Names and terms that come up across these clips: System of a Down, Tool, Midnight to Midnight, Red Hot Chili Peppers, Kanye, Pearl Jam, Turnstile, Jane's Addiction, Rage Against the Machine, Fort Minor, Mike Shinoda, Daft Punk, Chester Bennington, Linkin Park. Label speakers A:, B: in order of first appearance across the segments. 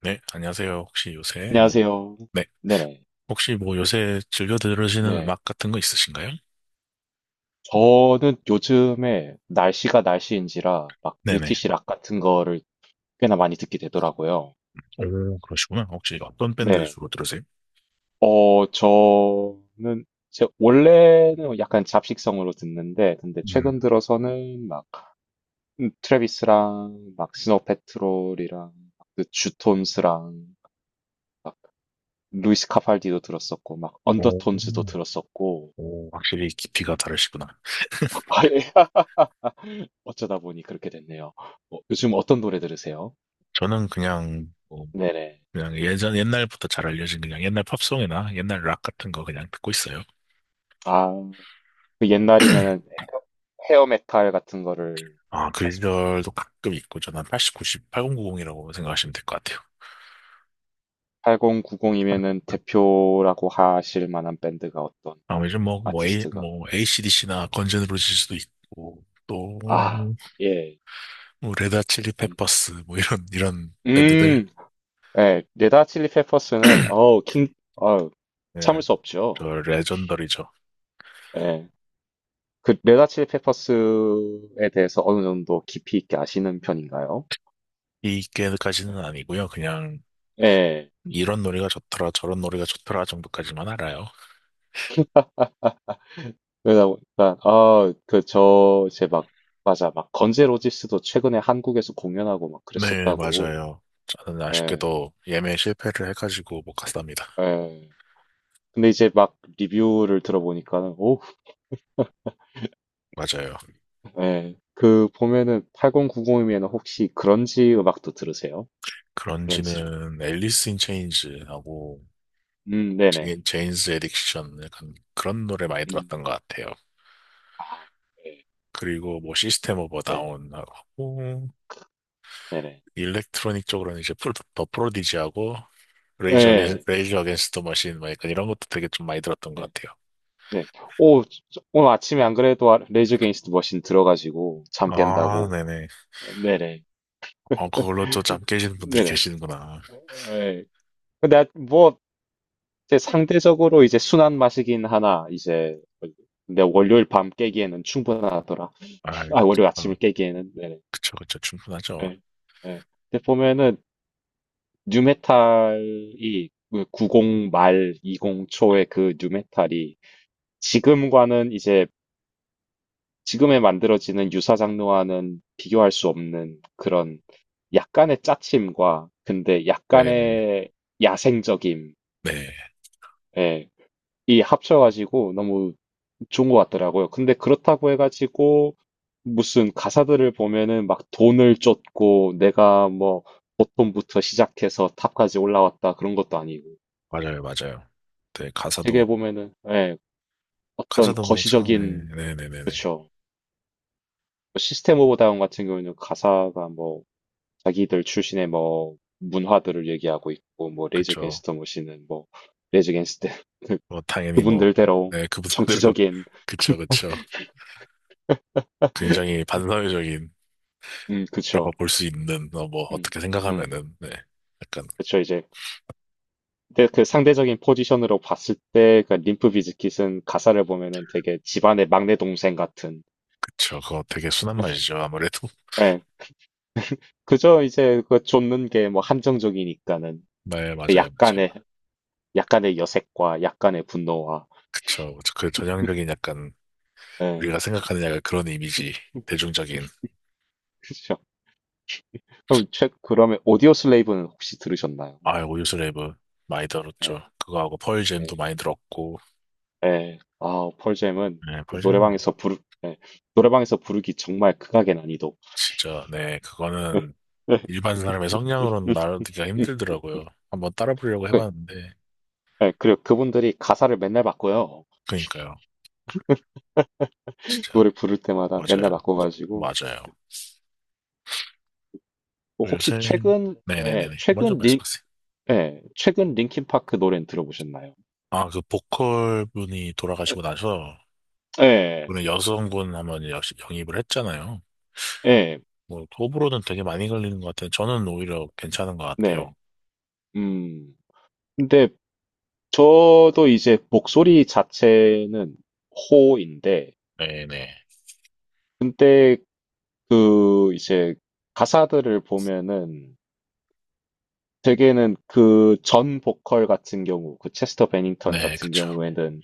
A: 네, 안녕하세요. 혹시 요새 뭐,
B: 안녕하세요.
A: 네,
B: 네네.
A: 혹시 뭐 요새 즐겨 들으시는
B: 네.
A: 음악 같은 거 있으신가요?
B: 저는 요즘에 날씨가 날씨인지라 막
A: 네네.
B: 브리티시 락 같은 거를 꽤나 많이 듣게 되더라고요.
A: 오, 그러시구나. 혹시 어떤 밴드
B: 네네.
A: 주로 들으세요?
B: 저는 제 원래는 약간 잡식성으로 듣는데, 근데
A: 음.
B: 최근 들어서는 막 트래비스랑 막 스노우 패트롤이랑 그 주톤스랑 막 루이스 카팔디도 들었었고 막
A: 오,
B: 언더톤즈도 들었었고,
A: 오, 확실히 깊이가 다르시구나.
B: 아예 어쩌다 보니 그렇게 됐네요. 어, 요즘 어떤 노래 들으세요?
A: 저는 그냥, 뭐,
B: 네네.
A: 그냥 옛날부터 잘 알려진 그냥 옛날 팝송이나 옛날 락 같은 거 그냥 듣고 있어요.
B: 아, 그 옛날이면은 헤어 메탈 같은 거를
A: 아, 그
B: 말씀하시죠.
A: 시절도 가끔 있고, 저는 80, 90, 8090이라고 생각하시면 될 것 같아요.
B: 8090이면은 대표라고 하실 만한 밴드가 어떤
A: 아, 요즘
B: 아티스트가.
A: ACDC나 건전으로 질 수도 있고, 또,
B: 아, 예.
A: 뭐 레드 칠리
B: 음,
A: 페퍼스 뭐 이런 밴드들.
B: 음, 예. 레다 칠리 페퍼스는, 어우, 킹, 어 참을
A: 네,
B: 수 없죠.
A: 저 레전더리죠.
B: 예. 그 레다 칠리 페퍼스에 대해서 어느 정도 깊이 있게 아시는 편인가요?
A: 이게까지는 아니고요. 그냥
B: 예.
A: 이런 노래가 좋더라 저런 노래가 좋더라 정도까지만 알아요.
B: 그러다 보니까 아, 그 저 이제 막 맞아. 막 건재 로지스도 최근에 한국에서 공연하고 막
A: 네,
B: 그랬었다고.
A: 맞아요. 저는
B: 예.
A: 아쉽게도 예매 실패를 해가지고 못 갔답니다.
B: 예. 근데 이제 막 리뷰를 들어보니까는 오,
A: 맞아요.
B: 예. 그 보면은 8090이면 혹시 그런지 음악도 들으세요? 그런지랑.
A: 그런지는 앨리스 인 체인지하고
B: 네네.
A: 제인스 에딕션 약간 그런 노래 많이
B: 음.
A: 들었던 것 같아요.
B: 아, 네.
A: 그리고 뭐 시스템 오브
B: 네.
A: 다운하고
B: 네네.
A: 일렉트로닉 쪽으로는 이제 더 프로디지하고
B: 예. 네.
A: 레이저 어겐스트 머신, 막 약간 이런 것도 되게 좀 많이 들었던
B: 네.
A: 것 같아요.
B: 네. 오, 오늘 아침에 안 그래도 레이저 게인스트 머신 들어가지고 잠
A: 아,
B: 깬다고.
A: 네네.
B: 어, 네네.
A: 어, 그걸로 또 잠 깨시는
B: 네,
A: 분들이
B: 네네.
A: 계시는구나.
B: 예. 예. 근데 뭐 이제 상대적으로 이제 순한 맛이긴 하나 이제, 근데 월요일 밤 깨기에는 충분하더라.
A: 아,
B: 아, 월요일
A: 그-
B: 아침을 깨기에는. 네,
A: 그쵸, 그쵸. 충분하죠.
B: 네, 네. 근데 보면은 뉴메탈이, 90 말 20 초의 그 뉴메탈이 지금과는 이제, 지금에 만들어지는 유사 장르와는 비교할 수 없는 그런 약간의 짜침과 근데
A: 네네.
B: 약간의 야생적임,
A: 네.
B: 예, 이 합쳐가지고 너무 좋은 것 같더라고요. 근데 그렇다고 해가지고 무슨 가사들을 보면은 막 돈을 쫓고 내가 뭐 보통부터 시작해서 탑까지 올라왔다 그런 것도 아니고,
A: 맞아요, 맞아요. 네,
B: 되게
A: 가사도,
B: 보면은 예, 어떤
A: 가사도 뭐, 참,
B: 거시적인.
A: 네, 네네네네.
B: 그렇죠. 뭐 시스템 오브 다운 같은 경우에는 가사가 뭐 자기들 출신의 뭐 문화들을 얘기하고 있고, 뭐 레이저
A: 그쵸.
B: 갱스터 머신은 뭐 레이저 갱스터
A: 뭐, 당연히 뭐,
B: 그분들대로
A: 네, 그분들대로,
B: 정치적인.
A: 그쵸, 그쵸. 굉장히 반사회적인라고
B: 그쵸.
A: 볼 수 있는, 뭐,
B: 음
A: 어떻게
B: 음
A: 생각하면은, 네. 약간,
B: 그쵸. 이제, 근데 그 상대적인 포지션으로 봤을 때, 그 림프 비즈킷은 가사를 보면은 되게 집안의 막내 동생 같은.
A: 그쵸. 그거 되게 순한 맛이죠. 아무래도.
B: 예. 그저 이제 그 쫓는 게 뭐 한정적이니까는
A: 네,
B: 그
A: 맞아요, 맞아요.
B: 약간의, 약간의 여색과 약간의 분노와.
A: 그쵸. 그 전형적인 약간
B: 예.
A: 우리가 생각하는 약간 그런 이미지. 대중적인.
B: 그죠. 그러면 오디오 슬레이브는 혹시 들으셨나요?
A: 아, 오유스 랩은 많이 들었죠.
B: 예,
A: 그거하고 펄잼도
B: 예,
A: 많이 들었고.
B: 예. 아, 펄잼은
A: 네,
B: 그
A: 펄잼.
B: 노래방에서 예. 노래방에서 부르기 정말 극악의 난이도.
A: 진짜 네,
B: 예,
A: 그거는
B: 예,
A: 일반 사람의
B: 음,
A: 성량으로는 나르기가
B: 음.
A: 힘들더라고요. 한번 따라 부르려고
B: 그,
A: 해봤는데.
B: 예, 그리고 그분들이 가사를 맨날 바꿔요.
A: 그니까요. 진짜
B: 노래 부를 때마다 맨날
A: 맞아요.
B: 바꿔가지고,
A: 맞아요.
B: 뭐 혹시
A: 요새
B: 최근 예,
A: 네네네네. 먼저
B: 최근 링
A: 말씀하세요.
B: 예, 최근 링킨 파크 노래는 들어보셨나요?
A: 아, 그 보컬 분이 돌아가시고 나서
B: 예,
A: 오늘 여성분 한번 영입을 했잖아요.
B: 예,
A: 뭐, 호불호는 되게 많이 걸리는 것 같아요. 저는 오히려 괜찮은 것
B: 네.
A: 같아요.
B: 음. 근데 저도 이제 목소리 자체는 호인데,
A: 네네.
B: 근데 그 이제 가사들을 보면은 대개는 그 전 보컬 같은 경우, 그 체스터 베닝턴
A: 네,
B: 같은
A: 그쵸.
B: 경우에는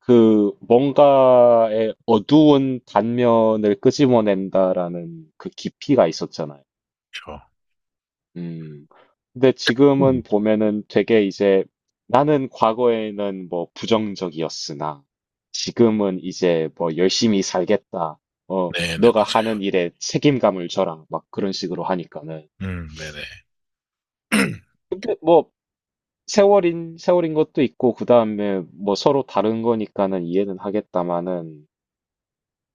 B: 그 뭔가의 어두운 단면을 끄집어낸다라는 그 깊이가 있었잖아요.
A: 그쵸.
B: 음. 근데 지금은
A: 음.
B: 보면은 되게 이제, 나는 과거에는 뭐 부정적이었으나 지금은 이제 뭐 열심히 살겠다. 어,
A: 네네,
B: 너가
A: 맞아요.
B: 하는 일에 책임감을 져라. 막 그런 식으로 하니까는.
A: 네네.
B: 근데 뭐 세월인 것도 있고, 그다음에 뭐 서로 다른 거니까는 이해는 하겠다마는,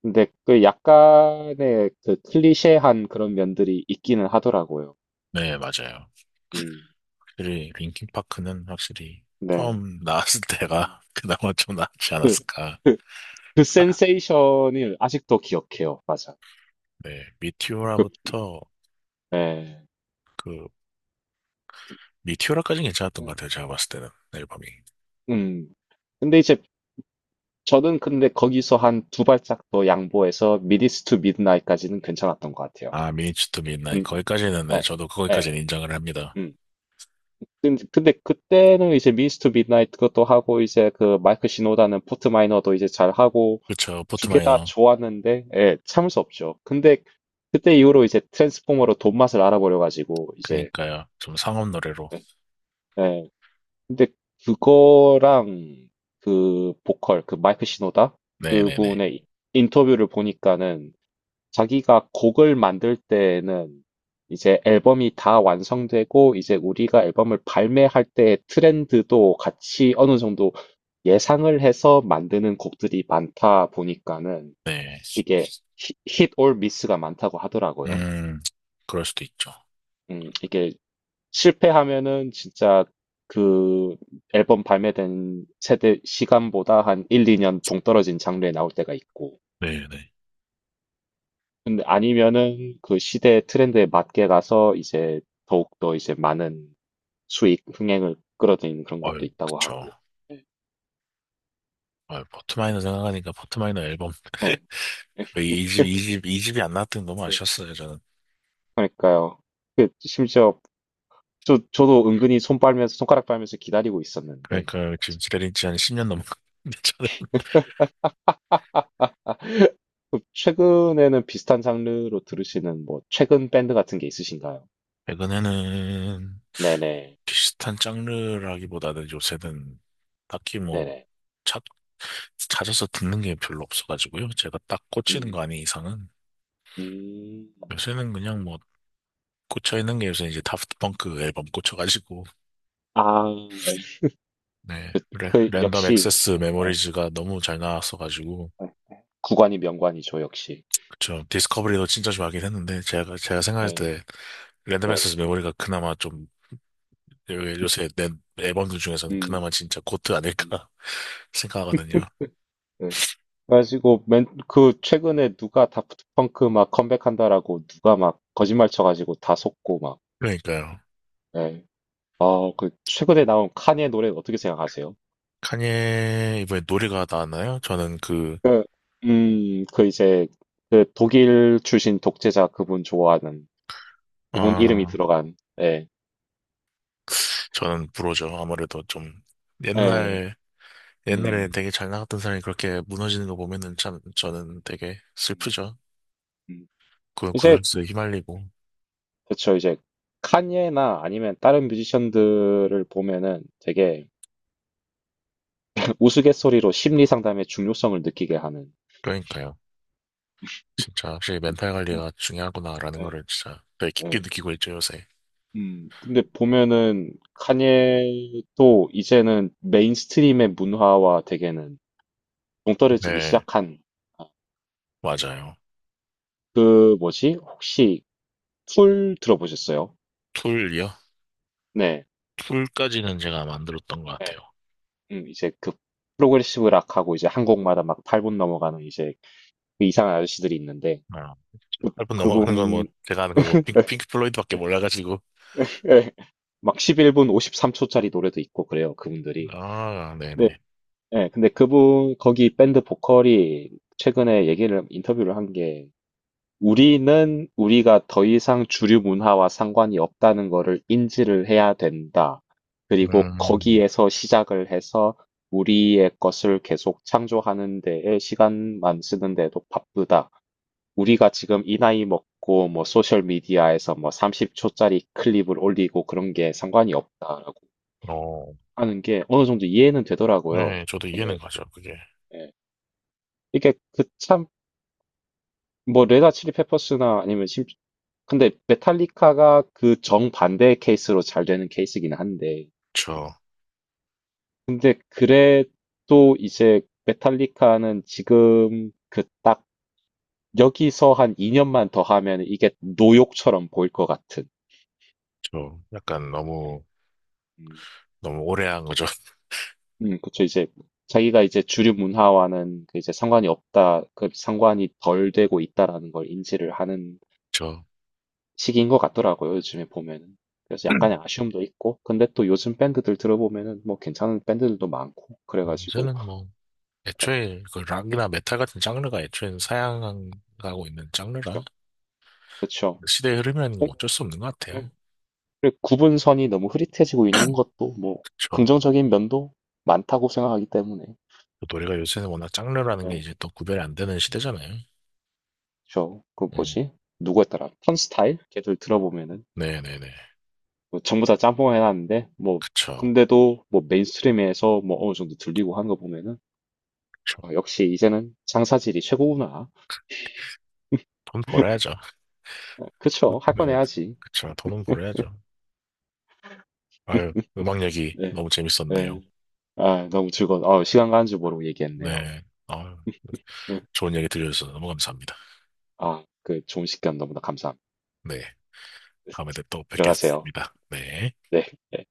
B: 근데 그 약간의 그 클리셰한 그런 면들이 있기는 하더라고요.
A: 네, 맞아요.
B: 음,
A: 확실히, 링킨파크는 확실히
B: 네.
A: 처음 나왔을 때가 그나마 좀 낫지
B: 그,
A: 않았을까.
B: 그, 그
A: 아,
B: 센세이션을 아직도 기억해요. 맞아.
A: 네,
B: 그,
A: 미티오라부터.
B: 네.
A: 그, 미티오라까지는 괜찮았던 것 같아요. 제가 봤을 때는, 앨범이.
B: 음. 근데 이제 저는, 근데 거기서 한 두 발짝 더 양보해서 미디스 투 미드나잇까지는 괜찮았던 것 같아요.
A: 아, 미니츠 투미 i 나 n
B: 음,
A: 거기까지는, 네,
B: 네,
A: 저도
B: 네,
A: 거기까지는 인정을 합니다.
B: 음. 근데 그때는 이제 미디스 투 미드나잇 그것도 하고 이제 그 마이크 시노다는 포트 마이너도 이제 잘 하고
A: 그쵸,
B: 두 개 다
A: 포트마이너.
B: 좋았는데, 예, 참을 수 없죠. 근데 그때 이후로 이제 트랜스포머로 돈맛을 알아버려가지고, 이제,
A: 그니까요. 좀 상업 노래로.
B: 예, 예. 근데 그거랑 그 보컬, 그 마이크 시노다?
A: 네네네.
B: 그분의 인터뷰를 보니까는 자기가 곡을 만들 때에는 이제 앨범이 다 완성되고, 이제 우리가 앨범을 발매할 때의 트렌드도 같이 어느 정도 예상을 해서 만드는 곡들이 많다 보니까는
A: 네.
B: 이게 힛올 미스가 많다고 하더라고요.
A: 음, 그럴 수도 있죠.
B: 이게 실패하면은 진짜 그 앨범 발매된 세대 시간보다 한 1, 2년 동떨어진 장르에 나올 때가 있고,
A: 네네.
B: 근데 아니면은 그 시대 트렌드에 맞게 가서 이제 더욱더 이제 많은 수익, 흥행을 끌어들이는 그런 것도
A: 아유,
B: 있다고
A: 그쵸.
B: 하고. 네.
A: 아유, 포트마이너 생각하니까 포트마이너 앨범.
B: 네,
A: 이 집이 안 나왔더니 너무
B: 네.
A: 아쉬웠어요, 저는.
B: 그러니까요. 그 심지어 저도 은근히 손 빨면서, 손가락 빨면서 기다리고 있었는데,
A: 그러니까 지금 기다린 지한 10년 넘었는데, 저는.
B: 그럼 최근에는 비슷한 장르로 들으시는 뭐 최근 밴드 같은 게 있으신가요?
A: 에는
B: 네네,
A: 비슷한 장르라기보다는 요새는 딱히 뭐,
B: 네네.
A: 찾, 찾아서 듣는 게 별로 없어가지고요. 제가 딱 꽂히는 거
B: 음,
A: 아닌 이상은.
B: 음,
A: 요새는 그냥 뭐, 꽂혀있는 게 요새 이제 다프트 펑크 앨범 꽂혀가지고,
B: 아, 네.
A: 네.
B: 그
A: 랜덤
B: 역시
A: 액세스
B: 네,
A: 메모리즈가 너무 잘 나왔어가지고.
B: 네, 네. 구관이 명관이죠, 역시.
A: 그쵸. 디스커버리도 진짜 좋아하긴 했는데, 제가 생각할
B: 네,
A: 때 랜덤 액세스
B: 네네.
A: 메모리가 그나마 좀, 요새 낸 앨범들 중에서는
B: 음,
A: 그나마 진짜 고트
B: 음,
A: 아닐까 생각하거든요.
B: 네. 그래가지고 맨, 그 최근에 누가 다프트 펑크 막 컴백한다라고 누가 막 거짓말 쳐가지고 다 속고 막.
A: 그러니까요.
B: 네. 아, 그 최근에 나온 카니의 노래 어떻게 생각하세요?
A: 카니에 이번에 노래가 나왔나요? 저는 그,
B: 그, 그 이제, 그 독일 출신 독재자 그분 좋아하는, 그분 이름이
A: 아,
B: 들어간, 예,
A: 저는 불호죠. 아무래도 좀
B: 예,
A: 옛날, 옛날에
B: 음,
A: 되게 잘 나갔던 사람이 그렇게 무너지는 거 보면은 참 저는
B: 음,
A: 되게
B: 음.
A: 슬프죠.
B: 음.
A: 그,
B: 이제,
A: 가수에 휘말리고.
B: 그쵸, 이제, 칸예나 아니면 다른 뮤지션들을 보면은 되게 우스갯소리로 심리 상담의 중요성을 느끼게 하는.
A: 그러니까요. 진짜 확실히 멘탈
B: 음,
A: 관리가 중요하구나라는
B: 예,
A: 거를 진짜 되게 깊게
B: 예.
A: 느끼고 있죠, 요새.
B: 근데 보면은 칸예도 이제는 메인스트림의 문화와 되게는 동떨어지기
A: 네,
B: 시작한.
A: 맞아요.
B: 그 뭐지? 혹시 툴 들어보셨어요?
A: 툴이요?
B: 네.
A: 툴까지는 제가 안 만들었던 것 같아요.
B: 네. 이제 그 프로그레시브 락하고 이제 한 곡마다 막 8분 넘어가는 이제 그 이상한 아저씨들이 있는데
A: 아, 짧분 넘어가는 건 뭐,
B: 그분
A: 제가 아는 건뭐 핑크 플로이드밖에 몰라가지고.
B: 막 11분 53초짜리 노래도 있고 그래요. 그분들이.
A: 아,
B: 네.
A: 네네.
B: 네. 근데 그분 거기 밴드 보컬이 최근에 얘기를 인터뷰를 한게, 우리는 우리가 더 이상 주류 문화와 상관이 없다는 것을 인지를 해야 된다. 그리고
A: 음,
B: 거기에서 시작을 해서 우리의 것을 계속 창조하는 데에 시간만 쓰는데도 바쁘다. 우리가 지금 이 나이 먹고 뭐 소셜 미디어에서 뭐 30초짜리 클립을 올리고 그런 게 상관이 없다라고
A: 어,
B: 하는 게 어느 정도 이해는 되더라고요.
A: 네, 저도 이해는
B: 되게.
A: 가죠, 그게.
B: 예. 이게 그참 뭐 레다 칠리 페퍼스나 아니면 심 근데 메탈리카가 그 정반대의 케이스로 잘 되는 케이스긴 한데,
A: 저,
B: 근데 그래도 이제 메탈리카는 지금 그 딱 여기서 한 2년만 더 하면 이게 노욕처럼 보일 것 같은.
A: 약간 너무,
B: 음,
A: 너무 오래 한 거죠.
B: 그쵸. 이제 자기가 이제 주류 문화와는 그 이제 상관이 없다, 그 상관이 덜 되고 있다라는 걸 인지를 하는
A: 저,
B: 시기인 것 같더라고요, 요즘에 보면은. 그래서 약간의 아쉬움도 있고, 근데 또 요즘 밴드들 들어보면은 뭐 괜찮은 밴드들도 많고, 그래가지고,
A: 요새는 뭐,
B: 예,
A: 애초에 그 락이나 메탈 같은 장르가 애초에 사양하고 있는 장르라.
B: 좀, 그쵸.
A: 시대의 흐름이라는 건 어쩔 수 없는 것
B: 예.
A: 같아요.
B: 그리고 구분선이 너무 흐릿해지고 있는 것도 뭐,
A: 그렇죠.
B: 긍정적인 면도 많다고 생각하기 때문에.
A: 노래가 요새는 워낙 장르라는 게
B: 예.
A: 이제 또 구별이 안 되는 시대잖아요.
B: 저, 그
A: 음,
B: 뭐지? 누구였더라? 턴스타일? 걔들 들어보면은,
A: 네네네.
B: 뭐 전부 다 짬뽕 해놨는데, 뭐,
A: 그쵸.
B: 근데도 뭐 메인스트림에서 뭐 어느 정도 들리고 하는 거 보면은,
A: 그쵸.
B: 아, 역시 이제는 장사질이 최고구나.
A: 돈 벌어야죠.
B: 그쵸. 할
A: 네.
B: 건 해야지.
A: 그쵸. 돈은 벌어야죠. 아유, 음악 얘기
B: 네.
A: 너무 재밌었네요.
B: 네. 아, 너무 즐거워. 어, 시간 가는 줄 모르고 얘기했네요.
A: 네. 아유,
B: 응.
A: 좋은 얘기 들려주셔서 너무 감사합니다.
B: 아, 그 좋은 시간 너무나 감사합니다.
A: 네. 다음에 또
B: 들어가세요.
A: 뵙겠습니다. 네.
B: 네. 네.